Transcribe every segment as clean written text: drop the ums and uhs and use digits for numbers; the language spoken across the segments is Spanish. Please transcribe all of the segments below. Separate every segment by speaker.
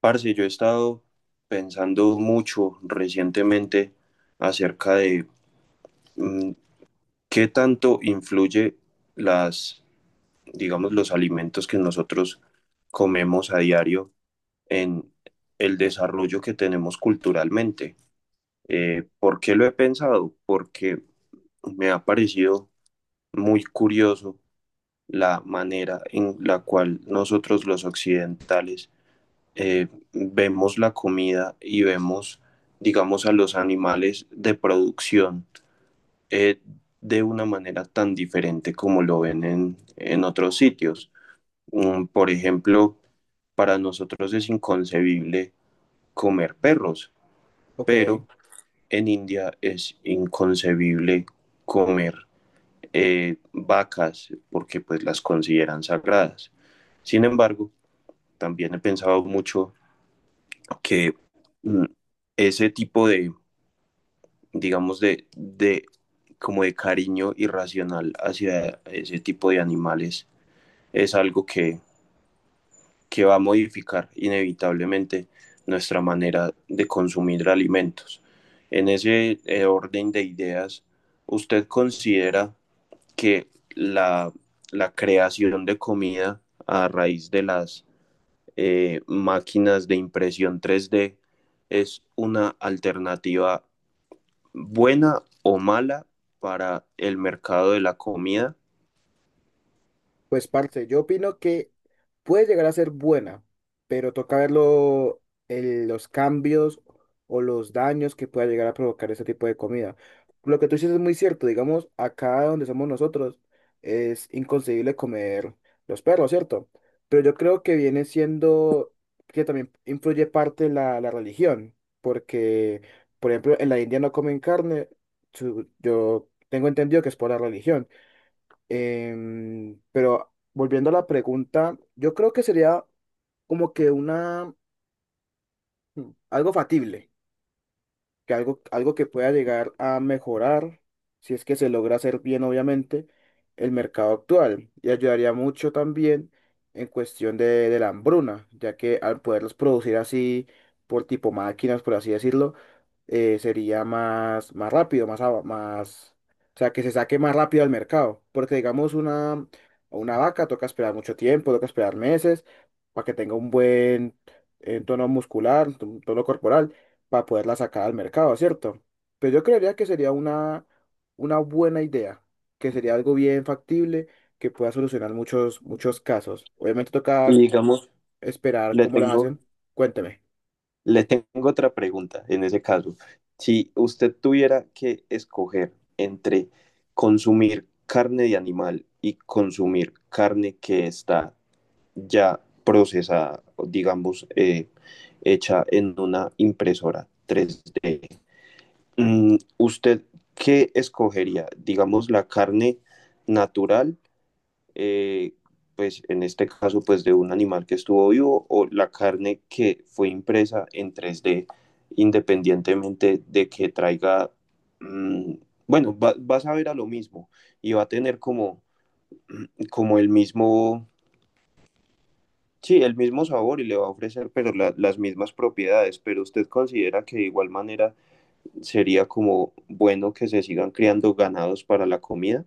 Speaker 1: Parce, yo he estado pensando mucho recientemente acerca de mm, qué tanto influye las, digamos, los alimentos que nosotros comemos a diario en el desarrollo que tenemos culturalmente. ¿Por qué lo he pensado? Porque me ha parecido muy curioso la manera en la cual nosotros los occidentales eh, vemos la comida y vemos, digamos, a los animales de producción eh, de una manera tan diferente como lo ven en otros sitios. Por ejemplo, para nosotros es inconcebible comer perros,
Speaker 2: Ok,
Speaker 1: pero en India es inconcebible comer vacas porque pues las consideran sagradas. Sin embargo, también he pensado mucho que mm, ese tipo de, digamos, como de cariño irracional hacia ese tipo de animales es algo que va a modificar inevitablemente nuestra manera de consumir alimentos. En ese orden de ideas, ¿usted considera que la, la creación de comida a raíz de las máquinas de impresión 3D es una alternativa buena o mala para el mercado de la comida?
Speaker 2: pues parce, yo opino que puede llegar a ser buena, pero toca verlo los cambios o los daños que pueda llegar a provocar ese tipo de comida. Lo que tú dices es muy cierto, digamos, acá donde somos nosotros es inconcebible comer los perros, ¿cierto? Pero yo creo que viene siendo que también influye parte la religión, porque, por ejemplo, en la India no comen carne, yo tengo entendido que es por la religión. Pero volviendo a la pregunta, yo creo que sería como que una, algo factible que algo que pueda llegar a mejorar, si es que se logra hacer bien, obviamente, el mercado actual. Y ayudaría mucho también en cuestión de la hambruna, ya que al poderlos producir así, por tipo máquinas, por así decirlo, sería más rápido, más, o sea, que se saque más rápido al mercado. Porque digamos una vaca toca esperar mucho tiempo, toca esperar meses para que tenga un buen tono muscular, un tono corporal para poderla sacar al mercado, ¿cierto? Pero yo creería que sería una buena idea, que sería algo bien factible, que pueda solucionar muchos casos. Obviamente toca
Speaker 1: Y digamos,
Speaker 2: esperar
Speaker 1: le
Speaker 2: cómo las
Speaker 1: tengo,
Speaker 2: hacen. Cuénteme.
Speaker 1: le tengo otra pregunta en ese caso. Si usted tuviera que escoger entre consumir carne de animal y consumir carne que está ya procesada, o digamos, hecha en una impresora 3D, ¿usted qué escogería? Digamos, la carne natural, eh, pues en este caso, pues de un animal que estuvo vivo, o la carne que fue impresa en tres d independientemente de que traiga, mm, bueno, va a saber a lo mismo y va a tener como, como el mismo, sí, el mismo sabor y le va a ofrecer, pero las mismas propiedades, pero usted considera que de igual manera sería como bueno que se sigan criando ganados para la comida.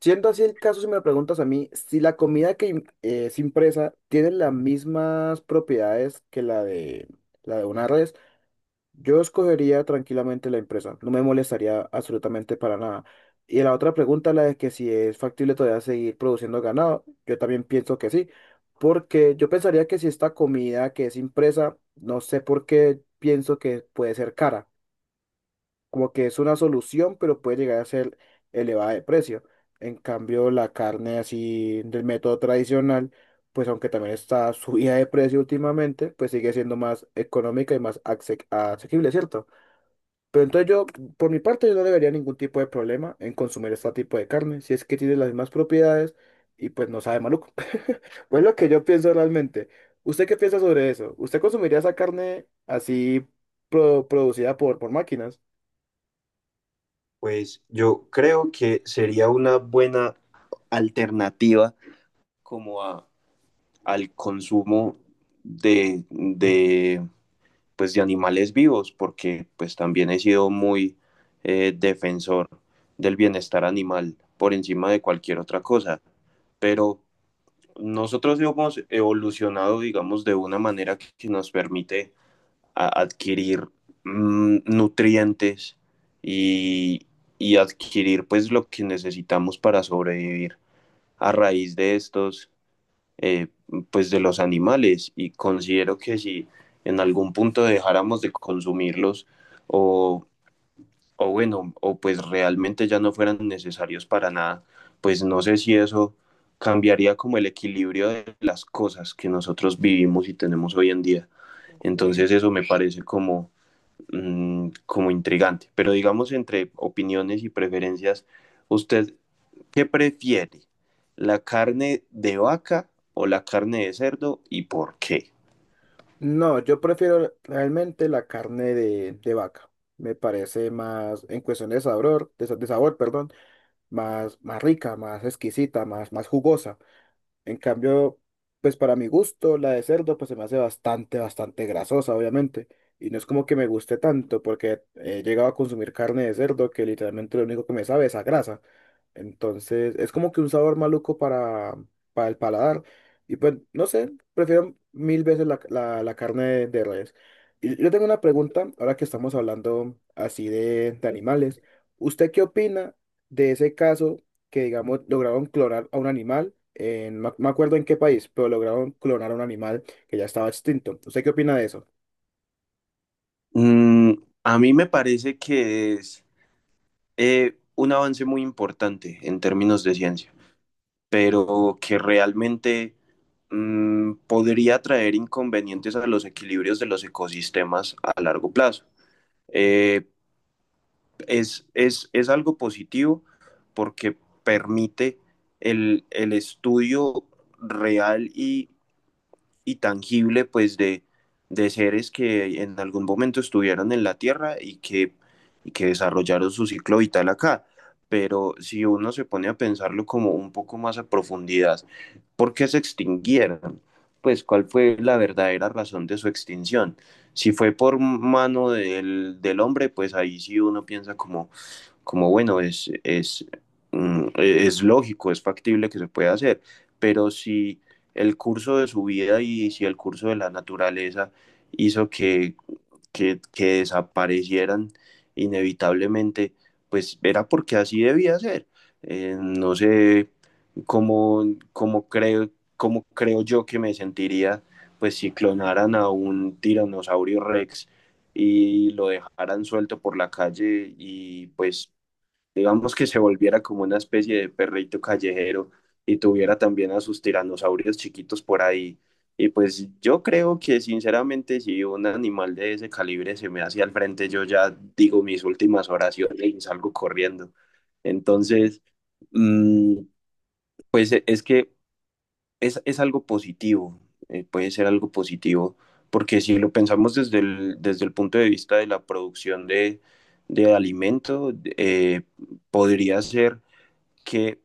Speaker 2: Siendo así el caso, si me lo preguntas a mí, si la comida es impresa tiene las mismas propiedades que la de una red, yo escogería tranquilamente la empresa, no me molestaría absolutamente para nada. Y la otra pregunta, la de que si es factible todavía seguir produciendo ganado, yo también pienso que sí, porque yo pensaría que si esta comida que es impresa, no sé por qué pienso que puede ser cara, como que es una solución, pero puede llegar a ser elevada de precio. En cambio, la carne así del método tradicional, pues aunque también está subida de precio últimamente, pues sigue siendo más económica y más asequible, ¿cierto? Pero entonces yo, por mi parte, yo no le vería ningún tipo de problema en consumir este tipo de carne, si es que tiene las mismas propiedades y pues no sabe maluco. Pues lo que yo pienso realmente. ¿Usted qué piensa sobre eso? ¿Usted consumiría esa carne así producida por máquinas?
Speaker 1: Pues yo creo que sería una buena alternativa como a, al consumo de, de, pues de animales vivos, porque pues también he sido muy defensor del bienestar animal por encima de cualquier otra cosa. Pero nosotros hemos evolucionado, digamos, de una manera que nos permite a adquirir nutrientes y, y adquirir pues lo que necesitamos para sobrevivir a raíz de estos, eh, pues de los animales. Y considero que si en algún punto dejáramos de consumirlos o, o bueno, o pues realmente ya no fueran necesarios para nada, pues no sé si eso cambiaría como el equilibrio de las cosas que nosotros vivimos y tenemos hoy en día.
Speaker 2: Ok.
Speaker 1: Entonces eso me parece como como intrigante. Pero digamos, entre opiniones y preferencias, ¿usted qué prefiere? ¿La carne de vaca o la carne de cerdo y por qué?
Speaker 2: No, yo prefiero realmente la carne de vaca. Me parece más, en cuestión de sabor, de sabor, perdón, más rica, más exquisita, más jugosa. En cambio, pues para mi gusto, la de cerdo pues se me hace bastante grasosa, obviamente. Y no es como que me guste tanto, porque he llegado a consumir carne de cerdo que literalmente lo único que me sabe es a grasa. Entonces, es como que un sabor maluco para el paladar. Y pues, no sé, prefiero mil veces la carne de res. Y yo tengo una pregunta, ahora que estamos hablando así de animales. ¿Usted qué opina de ese caso? Que, digamos, lograron clonar a un animal, en, no me acuerdo en qué país, pero lograron clonar a un animal que ya estaba extinto. ¿Usted qué opina de eso?
Speaker 1: Mm, a mí me parece que es un avance muy importante en términos de ciencia, pero que realmente podría traer inconvenientes a los equilibrios de los ecosistemas a largo plazo. Eh, es algo positivo porque permite el estudio real y tangible pues de seres que en algún momento estuvieron en la Tierra y y que desarrollaron su ciclo vital acá. Pero si uno se pone a pensarlo como un poco más a profundidad, ¿por qué se extinguieron? Pues cuál fue la verdadera razón de su extinción. Si fue por mano hombre, pues ahí sí uno piensa como, como bueno, es lógico, es factible que se pueda hacer, pero si el curso de su vida y si el curso de la naturaleza hizo que desaparecieran inevitablemente, pues era porque así debía ser. No sé cómo, cómo, creo, cómo creo yo que me sentiría pues si clonaran a un tiranosaurio rex y lo dejaran suelto por la calle y pues digamos que se volviera como una especie de perrito callejero y tuviera también a sus tiranosaurios chiquitos por ahí. Y pues yo creo que sinceramente si un animal de ese calibre se me hace al frente, yo ya digo mis últimas oraciones y salgo corriendo. Entonces, mm, pues es que es algo positivo, puede ser algo positivo, porque si lo pensamos desde desde el punto de vista de la producción de alimento, podría ser que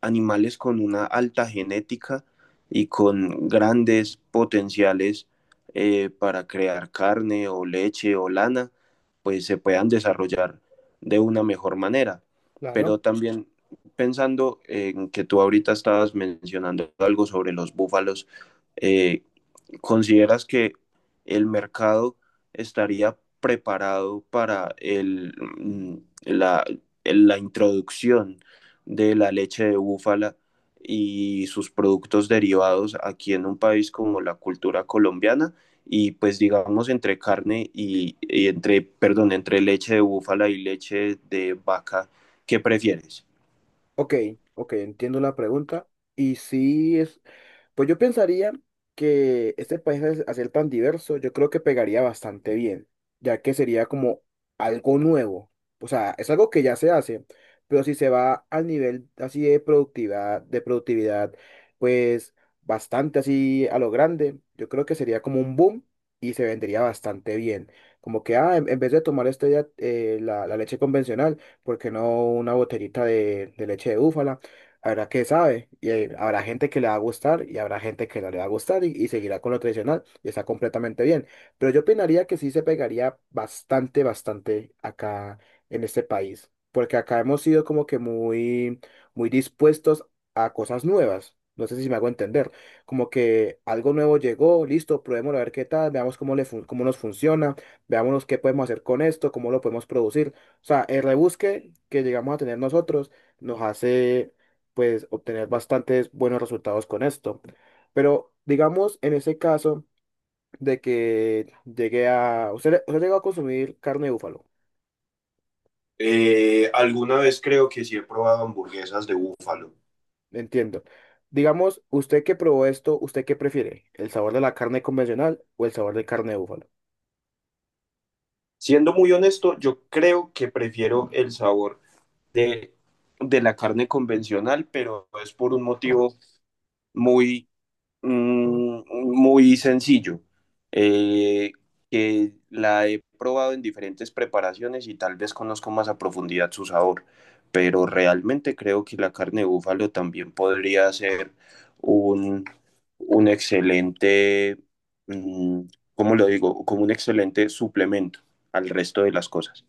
Speaker 1: animales con una alta genética y con grandes potenciales para crear carne o leche o lana, pues se puedan desarrollar de una mejor manera. Pero
Speaker 2: Claro.
Speaker 1: también pensando en que tú ahorita estabas mencionando algo sobre los búfalos, eh, ¿consideras que el mercado estaría preparado para el, mm, la, el- la introducción de la leche de búfala y sus productos derivados aquí en un país como la cultura colombiana? Y pues digamos entre carne y entre, perdón, entre leche de búfala y leche de vaca, ¿qué prefieres?
Speaker 2: Ok, ok, entiendo la pregunta. Y sí, es, pues yo pensaría que este país hacer tan diverso, yo creo que pegaría bastante bien, ya que sería como algo nuevo. O sea, es algo que ya se hace, pero si se va al nivel así de productividad, pues bastante así a lo grande, yo creo que sería como un boom y se vendería bastante bien. Como que, ah, en vez de tomar este, ya, la leche convencional, ¿por qué no una botellita de leche de búfala? Habrá que sabe, y habrá gente que le va a gustar y habrá gente que no le va a gustar y seguirá con lo tradicional y está completamente bien. Pero yo opinaría que sí se pegaría bastante acá en este país, porque acá hemos sido como que muy dispuestos a cosas nuevas. No sé si me hago entender, como que algo nuevo llegó, listo, probémoslo a ver qué tal, veamos cómo, cómo nos funciona, veamos qué podemos hacer con esto, cómo lo podemos producir. O sea, el rebusque que llegamos a tener nosotros nos hace pues obtener bastantes buenos resultados con esto. Pero digamos en ese caso de que llegué a, usted llegó a consumir carne de búfalo,
Speaker 1: Alguna vez creo que sí he probado hamburguesas de búfalo.
Speaker 2: entiendo. Digamos, usted que probó esto, ¿usted qué prefiere? ¿El sabor de la carne convencional o el sabor de carne de búfalo?
Speaker 1: Siendo muy honesto, yo creo que prefiero el sabor de, de la carne convencional, pero es por un motivo muy Mm, muy sencillo, eh, que la he probado en diferentes preparaciones y tal vez conozco más a profundidad su sabor, pero realmente creo que la carne de búfalo también podría ser un, un excelente, mm, ¿cómo lo digo? Como un excelente suplemento al resto de las cosas.